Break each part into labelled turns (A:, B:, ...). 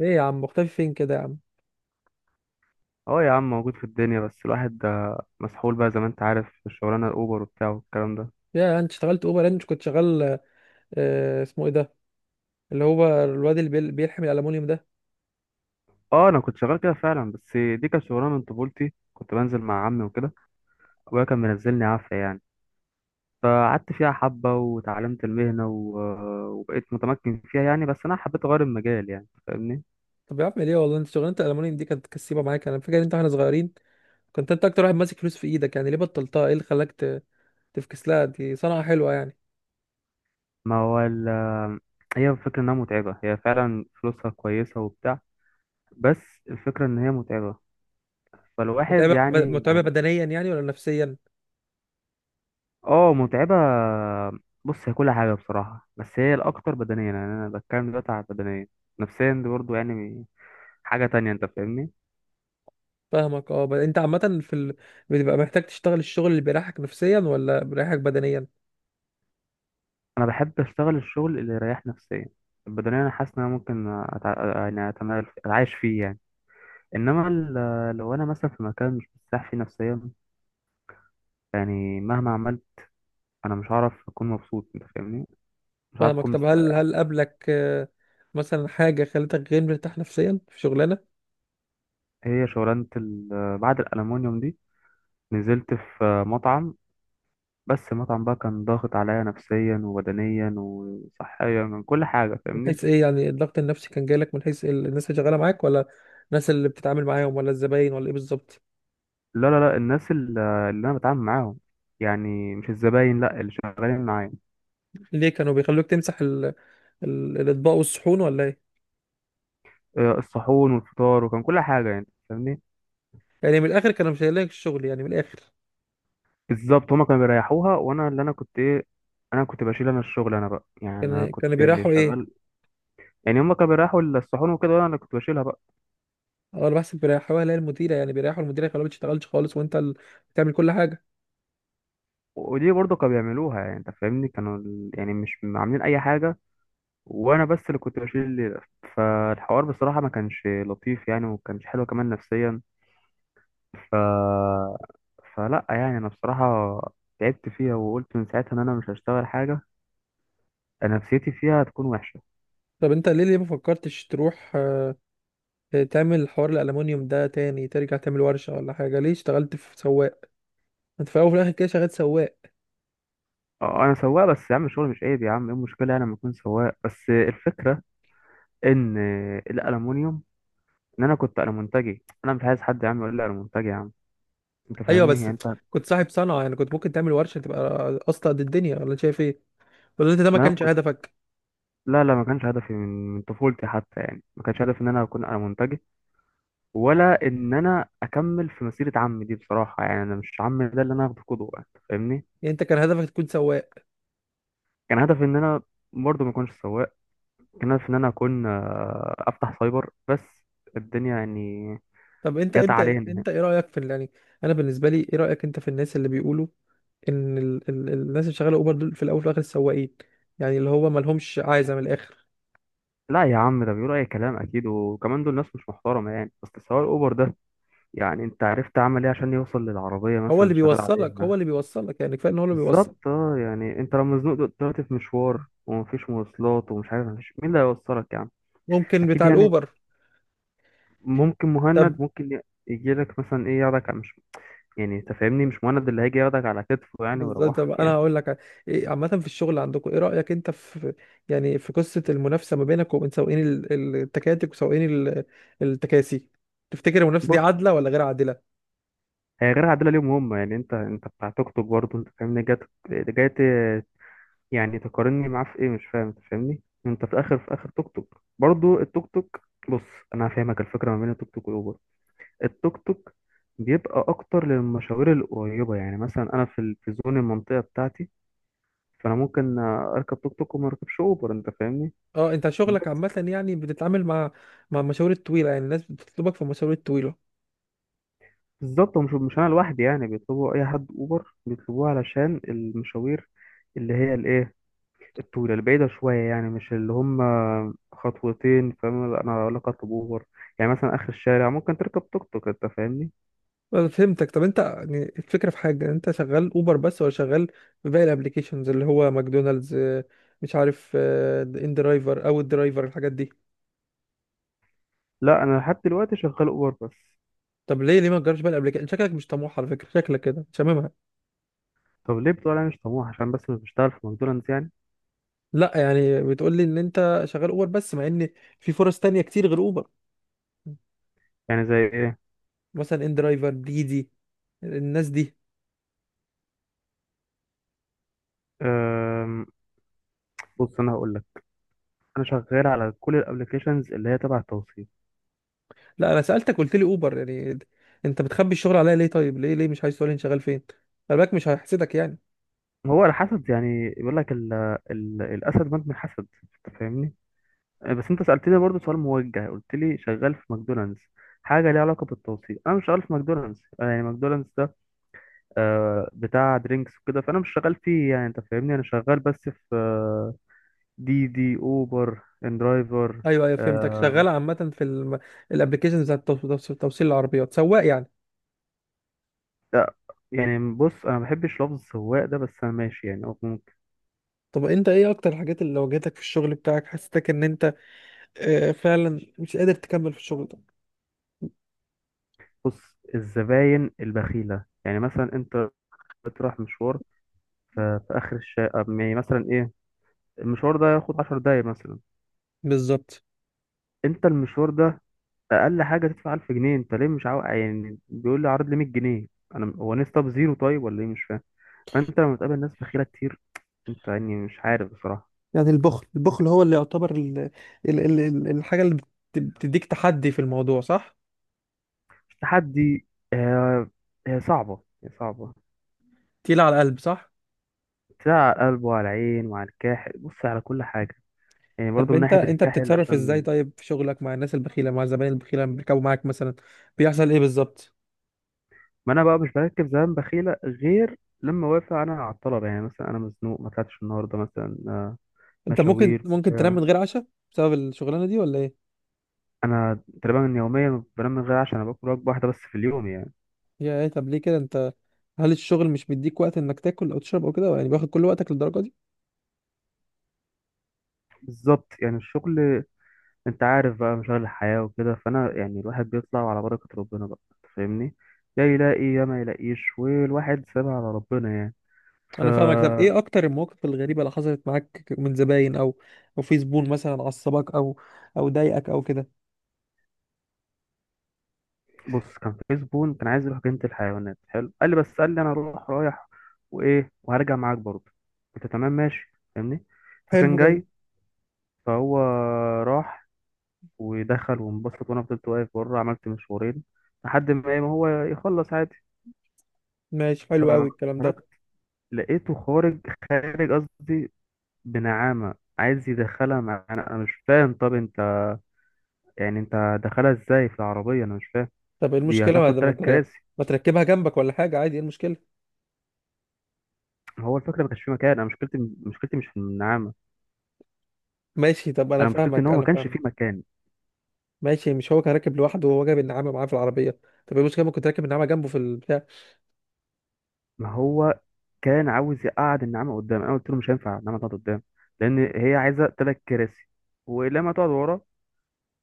A: ايه يا عم، مختفي فين كده يا عم؟
B: اه يا عم، موجود في الدنيا. بس الواحد ده مسحول بقى زي ما انت عارف في الشغلانه، الاوبر وبتاع والكلام ده.
A: يا انت اشتغلت اوبر؟ انت كنت شغال. آه اسمه ايه ده؟ اللي هو الواد اللي بيلحم الالومنيوم ده.
B: اه انا كنت شغال كده فعلا، بس دي كانت شغلانه من طفولتي، كنت بنزل مع عمي وكده. ابويا كان منزلني عافيه يعني. فقعدت فيها حبه وتعلمت المهنه وبقيت متمكن فيها يعني. بس انا حبيت اغير المجال، يعني فاهمني.
A: طب يا عم ليه، والله انت شغلانه الالومنيوم دي كانت كسيبه معاك، انا فاكر انت واحنا صغيرين كنت انت اكتر واحد ماسك فلوس في ايدك، يعني ليه بطلتها؟ ايه اللي خلاك تفكس لها، دي صنعه حلوه يعني.
B: ما هو ال... هي الفكره انها متعبه. هي فعلا فلوسها كويسه وبتاع، بس الفكره ان هي متعبه. فالواحد
A: متعبه
B: يعني.
A: متعبه بدنيا يعني ولا نفسيا؟
B: اه، متعبة. بص، هي كل حاجة بصراحة، بس هي الأكتر بدنيا، يعني أنا بتكلم دلوقتي على البدنية. نفسيا دي برضه يعني حاجة تانية، أنت فاهمني.
A: فاهمك، اه انت عامه في بتبقى محتاج تشتغل الشغل اللي بيريحك نفسيا ولا بيريحك بدنيا؟
B: أنا بحب أشتغل الشغل اللي يريح نفسيا. البدنية أنا حاسس إن أنا ممكن أتعايش فيه يعني. إنما لو أنا مثلا في مكان مش مرتاح فيه نفسيا، يعني مهما عملت، أنا مش هعرف أكون مبسوط، أنت فاهمني. مش هعرف
A: فاهمك.
B: أكون
A: طب هل
B: مستريح.
A: هل قابلك آه، مثلا حاجه خلتك غير مرتاح نفسيا في شغلانه؟
B: هي شغلانة ال... بعد الألمونيوم دي نزلت في مطعم، بس المطعم بقى كان ضاغط عليا نفسيا وبدنيا وصحيا من كل حاجة،
A: من
B: فاهمني.
A: حيث ايه؟ يعني الضغط النفسي كان جايلك من حيث الناس اللي شغاله معاك، ولا الناس اللي بتتعامل معاهم، ولا الزباين، ولا ايه بالظبط؟
B: لا لا لا، الناس اللي أنا بتعامل معاهم، يعني مش الزباين، لا، اللي شغالين معايا.
A: ليه كانوا بيخلوك تمسح الاطباق والصحون ولا ايه؟
B: آه، الصحون والفطار وكان كل حاجة يعني، فاهمني.
A: يعني من الاخر كانوا مش لك الشغل يعني من الاخر؟
B: بالظبط، هما كانوا بيريحوها وأنا اللي أنا كنت إيه، أنا كنت بشيل أنا الشغل أنا بقى، يعني أنا
A: كان
B: كنت
A: كانوا بيريحوا ايه؟
B: شغال. يعني هما كانوا بيريحوا الصحون وكده، وأنا اللي كنت بشيلها بقى.
A: اه انا بحسب بيريحوها، اللي هي المديره يعني، بيريحوا المديره يخلوها ما بتشتغلش خالص وانت اللي بتعمل كل حاجه.
B: ودي برضه كانوا بيعملوها يعني، أنت فاهمني، كانوا يعني مش عاملين أي حاجة، وانا بس اللي كنت بشيل الليله. فالحوار بصراحه ما كانش لطيف يعني، وما كانش حلو كمان نفسيا. ف فلا يعني انا بصراحه تعبت فيها، وقلت من ساعتها ان انا مش هشتغل حاجه. أنا نفسيتي فيها هتكون وحشه.
A: طب انت ليه، ما فكرتش تروح آه، تعمل حوار الالومنيوم ده تاني، ترجع تعمل ورشه ولا حاجه؟ ليه اشتغلت في سواق؟ انت في الاول وفي الاخر كده شغال سواق.
B: اه انا سواق، بس يا عم الشغل مش عيب يا عم، ايه المشكله يعني لما اكون سواق؟ بس الفكره ان الالومنيوم، ان انا كنت المونتاجي، انا مش عايز حد يا عم يقول لي المونتاجي يا عم، انت
A: ايوه
B: فاهمني
A: بس
B: يعني انت.
A: كنت صاحب صنعه، يعني كنت ممكن تعمل ورشه تبقى اصلا قد الدنيا، ولا أنت شايف ايه؟ ولا انت ده ما
B: ما انا
A: كانش
B: كنت
A: هدفك؟
B: لا لا، ما كانش هدفي من من طفولتي حتى، يعني ما كانش هدفي ان انا اكون المونتاجي، ولا ان انا اكمل في مسيره عمي دي بصراحه. يعني انا مش عمي ده اللي انا اخده قدوه، انت فاهمني.
A: يعني انت كان هدفك تكون سواق؟
B: كان هدفي ان انا برضه ما اكونش سواق. كان هدفي ان انا اكون افتح سايبر بس. الدنيا يعني
A: طب انت
B: جت
A: انت
B: علينا.
A: انت ايه رايك في يعني انا بالنسبه لي، ايه رايك انت في الناس اللي بيقولوا ان الناس اللي شغاله اوبر دول في الاول وفي الاخر سواقين؟ يعني اللي هو ما لهمش عايزه من الاخر.
B: لا يا عم، ده بيقولوا اي كلام اكيد، وكمان دول ناس مش محترمه يعني. بس سواق الاوبر ده، يعني انت عرفت عمل ايه عشان يوصل للعربيه مثلا
A: هو
B: اللي
A: اللي
B: شغال
A: بيوصلك،
B: عليها؟
A: يعني كفايه ان هو اللي بيوصل.
B: بالظبط اه. يعني انت لو مزنوق دلوقتي في مشوار، ومفيش مواصلات، ومش عارف، مفيش مين اللي هيوصلك يعني.
A: ممكن
B: اكيد
A: بتاع
B: يعني.
A: الاوبر.
B: ممكن مهند
A: طب
B: ممكن يجي لك مثلا ايه ياخدك مش، يعني انت فاهمني مش مهند اللي هيجي ياخدك على كتفه يعني
A: بالظبط. طب
B: ويروحك
A: انا
B: يعني.
A: هقول لك إيه، عامه في الشغل عندكم ايه رايك انت في يعني، في قصه المنافسه ما بينك وبين سواقين التكاتك وسواقين التكاسي، تفتكر المنافسه دي
B: بص،
A: عادله ولا غير عادله؟
B: هي غير عادله ليهم هم. يعني انت انت بتاع توك توك برضه، انت فاهمني. جاي ت- يعني تقارني معاه في ايه مش فاهم؟ انت فاهمني، انت في اخر في اخر توك توك برضه، التوك توك. بص، انا هفهمك الفكره ما بين التوك توك والاوبر. التوك توك بيبقى اكتر للمشاوير القريبه، يعني مثلا انا في في زون المنطقه بتاعتي، فانا ممكن اركب توك توك وما اركبش اوبر، انت فاهمني.
A: اه انت شغلك عامه يعني بتتعامل مع، مع المشاوير الطويله، يعني الناس بتطلبك في المشاوير الطويله.
B: بالظبط. ومش مش انا لوحدي، يعني بيطلبوا اي حد اوبر بيطلبوه علشان المشاوير اللي هي الايه، الطويله البعيده شويه، يعني مش اللي هم خطوتين، فاهم؟ لا، انا اقول لك اطلب اوبر، يعني مثلا اخر الشارع ممكن تركب توك توك، انت فاهمني.
A: أنا فهمتك. طب انت يعني الفكره في حاجه، انت شغال اوبر بس ولا شغال في باقي الابليكيشنز، اللي هو ماكدونالدز آه، مش عارف آه، ان درايفر او الدرايفر، الحاجات دي؟
B: لا، انا لحد دلوقتي شغال اوبر بس.
A: طب ليه، ما تجربش بقى الابليكيشن؟ شكلك مش طموح على فكره، شكلك كده شاممها.
B: طب ليه بتقول انا مش طموح؟ عشان بس مش بشتغل في ماكدونالدز يعني؟
A: لا يعني بتقول لي ان انت شغال اوبر بس، مع ان في فرص تانية كتير غير اوبر.
B: يعني زي ايه؟
A: مثلا ان درايفر، ديدي، الناس دي.
B: أم... بص انا هقول لك، انا شغال على كل الابلكيشنز اللي هي تبع التوصيل.
A: لا انا سالتك قلت لي اوبر يعني. انت بتخبي الشغل عليا ليه؟ طيب ليه، مش عايز تقول لي انت شغال فين؟ خلي بالك مش هحسدك يعني.
B: هو الحسد يعني، بيقول لك الاسد مات من الحسد، انت فاهمني. آه، بس انت سألتني برضو سؤال موجه، قلت لي شغال في ماكدونالدز حاجة ليها علاقة بالتوصيل. انا مش شغال في ماكدونالدز. انا يعني ماكدونالدز ده، آه، بتاع درينكس وكده، فانا مش شغال فيه يعني، انت فاهمني. انا شغال بس في آه، دي دي، اوبر، ان درايفر.
A: ايوه ايوه فهمتك،
B: آه،
A: شغال عامه في الابلكيشن بتاع توصيل العربيات، سواق يعني.
B: يعني بص، انا ما بحبش لفظ السواق ده، بس انا ماشي يعني أو ممكن.
A: طب انت ايه اكتر الحاجات اللي واجهتك في الشغل بتاعك، حسيتك ان انت آه، فعلا مش قادر تكمل في الشغل ده؟
B: بص، الزباين البخيلة، يعني مثلا انت بتروح مشوار في اخر الشارع، يعني مثلا ايه، المشوار ده ياخد 10 دقايق مثلا.
A: بالظبط.
B: انت المشوار ده اقل حاجه تدفع 1000 جنيه، انت ليه مش عاوز؟ يعني بيقول لي عرض لي 100 جنيه، انا هو ناس طب زيرو طيب ولا ايه، مش فاهم. فانت لما تقابل ناس بخيله كتير، انت يعني مش عارف بصراحه.
A: يعني البخل، هو اللي يعتبر الحاجة اللي بتديك تحدي في الموضوع صح؟
B: التحدي، هي هي صعبه، هي صعبه.
A: تقيلة على القلب صح؟
B: تلاقي على القلب وعلى العين وعلى الكاحل، بص، على كل حاجه. يعني برضو
A: طب
B: من
A: انت
B: ناحيه
A: انت
B: الكاحل
A: بتتصرف ازاي
B: عشان،
A: طيب في شغلك مع الناس البخيلة، مع الزباين البخيلة اللي بيركبوا معاك مثلا؟ بيحصل ايه بالظبط؟
B: ما انا بقى مش بركب زمان بخيله غير لما وافق انا على الطلب، يعني مثلا انا مزنوق، ما طلعتش النهارده مثلا، آه،
A: انت ممكن
B: مشاوير
A: ممكن تنام من
B: بتاع.
A: غير عشاء بسبب الشغلانة دي ولا ايه؟
B: انا تقريبا يوميا بنام من غير، عشان انا باكل وجبه واحده بس في اليوم يعني.
A: يا ايه؟ طب ليه كده انت؟ هل الشغل مش بيديك وقت انك تاكل او تشرب او كده، يعني بياخد كل وقتك للدرجة دي؟
B: بالظبط، يعني الشغل، انت عارف بقى مشاغل الحياة وكده، فانا يعني الواحد بيطلع على بركة ربنا بقى، انت فاهمني. يا يلاقي يا ما يلاقيش، والواحد سابها على ربنا يعني. ف
A: انا فاهمك. طب ايه اكتر المواقف الغريبة اللي حصلت معاك من زباين، او او في زبون مثلا عصبك، او او ضايقك او كده؟
B: بص، كان في زبون كان عايز يروح جنينة الحيوانات، حلو، قال لي، بس قال لي انا اروح رايح وايه وهرجع معاك برضه. قلت تمام ماشي، فاهمني. فكان
A: حلو جميل.
B: جاي، فهو راح ودخل وانبسط، وانا فضلت واقف بره، عملت مشوارين لحد ما ايه، ما هو يخلص عادي.
A: ماشي
B: ف
A: حلو قوي الكلام ده.
B: لقيته خارج، خارج قصدي بنعامة، عايز يدخلها معانا. انا مش فاهم، طب انت يعني انت دخلها ازاي في العربية؟ انا مش فاهم.
A: طب ايه
B: دي
A: المشكله
B: هتاخد تلات كراسي.
A: ما تركبها جنبك ولا حاجه عادي، ايه المشكله؟
B: هو الفكرة ما كانش فيه مكان. انا مشكلتي، مشكلتي مش في النعامة.
A: ماشي طب انا
B: انا مشكلتي ان
A: فاهمك،
B: هو ما كانش فيه مكان.
A: ماشي. مش هو كان راكب لوحده، وهو جايب النعامه معاه في العربيه. طب ايه المشكله؟ ممكن تركب النعامه جنبه في البتاع.
B: ما هو كان عاوز يقعد النعامة قدام، انا قلت له مش هينفع النعامة تقعد قدام، لان هي عايزة تلات كراسي. ولما تقعد ورا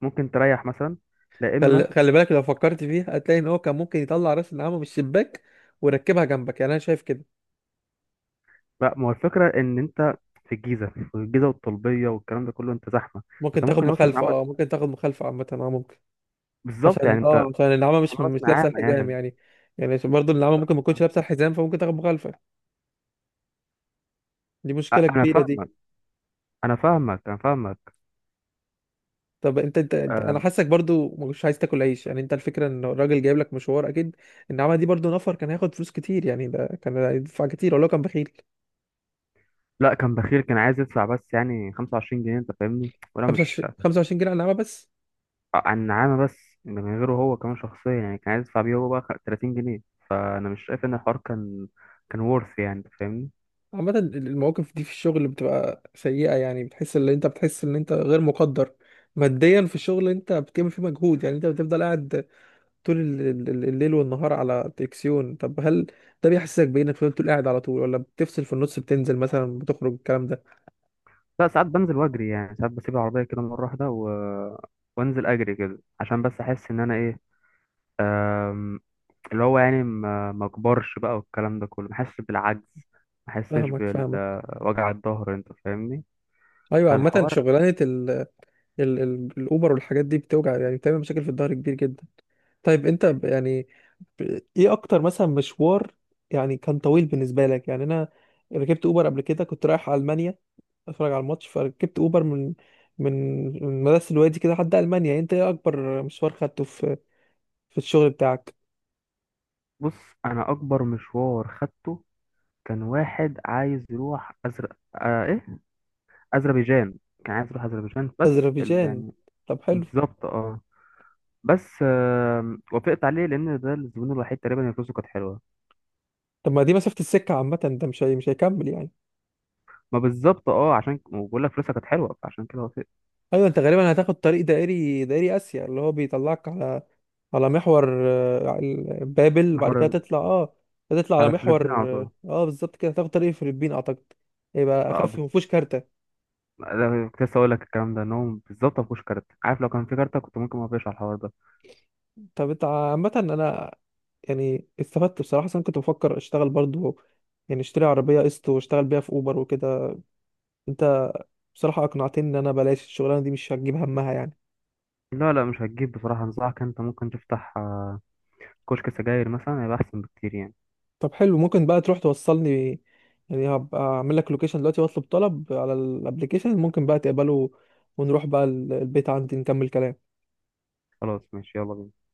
B: ممكن تريح مثلا، لا
A: خلي,
B: اما
A: خلي بالك، لو فكرت فيها هتلاقي ان هو كان ممكن يطلع راس النعامه من الشباك ويركبها جنبك، يعني انا شايف كده.
B: لا. ما هو الفكرة إن أنت في الجيزة، في الجيزة والطلبية والكلام ده كله، أنت زحمة.
A: ممكن
B: أنت
A: تاخد
B: ممكن يوصل
A: مخالفه،
B: نعمة،
A: اه ممكن تاخد مخالفه عامه، اه ممكن،
B: بالظبط
A: عشان
B: يعني. أنت
A: اه عشان النعامه
B: خلاص،
A: مش لابسه
B: نعامة
A: الحزام
B: يعني.
A: يعني. يعني برضه النعامه ممكن ما تكونش لابسه الحزام فممكن تاخد مخالفه، دي مشكله
B: أنا
A: كبيره دي.
B: فاهمك، أنا فاهمك، أنا فاهمك.
A: طب انت انا
B: أه.
A: حاسك برضو مش عايز تاكل عيش يعني، انت الفكره ان الراجل جايب لك مشوار اكيد، النعمه دي برضو نفر، كان هياخد فلوس كتير يعني، ده كان هيدفع كتير ولو كان بخيل.
B: لا كان بخيل، كان عايز يدفع بس يعني 25 جنيه، أنت فاهمني، وأنا مش،
A: 25 جنيه على النعمه بس؟
B: عن نعامة بس، ده من غيره هو كمان شخصيا، يعني كان عايز يدفع بيه هو بقى 30 جنيه. فأنا مش شايف إن الحوار كان كان ورث، يعني أنت فاهمني.
A: عامه المواقف دي في الشغل بتبقى سيئه، يعني بتحس ان انت، بتحس ان انت غير مقدر ماديا في الشغل انت بتعمل فيه مجهود، يعني انت بتفضل قاعد طول الليل والنهار على تلفزيون. طب هل ده بيحسسك بانك فضلت قاعد على طول، ولا بتفصل في النص بتنزل مثلا بتخرج الكلام ده؟
B: لا، ساعات بنزل وأجري، يعني ساعات بسيب العربية كده مرة واحدة وانزل اجري كده، عشان بس احس ان انا إيه، أم، اللي هو يعني ما ما كبرش بقى والكلام ده كله، ما حسش بالعجز، ما حسش
A: فاهمك فاهمك.
B: بالوجع الظهر، انت فاهمني.
A: ايوه عامة
B: فالحوار.
A: شغلانة ال ال ال الاوبر والحاجات دي بتوجع، يعني بتعمل مشاكل في الظهر كبير جدا. طيب انت يعني ايه اكتر مثلا مشوار يعني كان طويل بالنسبة لك؟ يعني انا ركبت اوبر قبل كده كنت رايح المانيا اتفرج على الماتش، فركبت اوبر من من مدرسة الوادي كده لحد المانيا. انت ايه اكبر مشوار خدته في، في الشغل بتاعك؟
B: بص، انا اكبر مشوار خدته كان واحد عايز يروح أزر... آه ايه اذربيجان. كان عايز يروح اذربيجان، بس
A: اذربيجان؟
B: يعني
A: طب حلو.
B: بالظبط اه. بس وافقت عليه لان ده الزبون الوحيد تقريبا اللي فلوسه كانت حلوه.
A: طب ما دي مسافة السكة عامة، ده مش هيكمل يعني.
B: ما بالظبط اه، عشان بقول لك فلوسها كانت حلوه، فعشان كده وافقت.
A: ايوه، انت غالبا هتاخد طريق دائري، دائري اسيا اللي هو بيطلعك على، على محور آه، بابل، بعد كده
B: محور،
A: تطلع اه تطلع على
B: على
A: محور،
B: فلبين على طول.
A: اه آه، بالظبط كده تاخد طريق الفلبين اعتقد، يبقى
B: اه
A: اخف
B: بالظبط.
A: ومفهوش كارتة.
B: لا كنت لسه اقول لك الكلام ده، ان هو بالظبط ما فيهوش كارت، عارف، لو كان في كارت كنت ممكن ما اقفش على الحوار ده.
A: طب انت عامة انا يعني استفدت بصراحة، أصل انا كنت بفكر اشتغل برضو يعني، اشتري عربية قسط واشتغل بيها في اوبر وكده، انت بصراحة اقنعتني ان انا بلاش الشغلانة دي مش هتجيب همها يعني.
B: لا لا، مش هتجيب بصراحه. انصحك انت ممكن تفتح آه، كشك سجاير مثلا، هيبقى احسن بكتير يعني.
A: طب حلو، ممكن بقى تروح توصلني؟ يعني هبقى اعمل لك لوكيشن دلوقتي واطلب طلب على الابليكيشن، ممكن بقى تقبله ونروح بقى البيت عندي نكمل كلام.
B: خلاص ماشي، يلا بينا.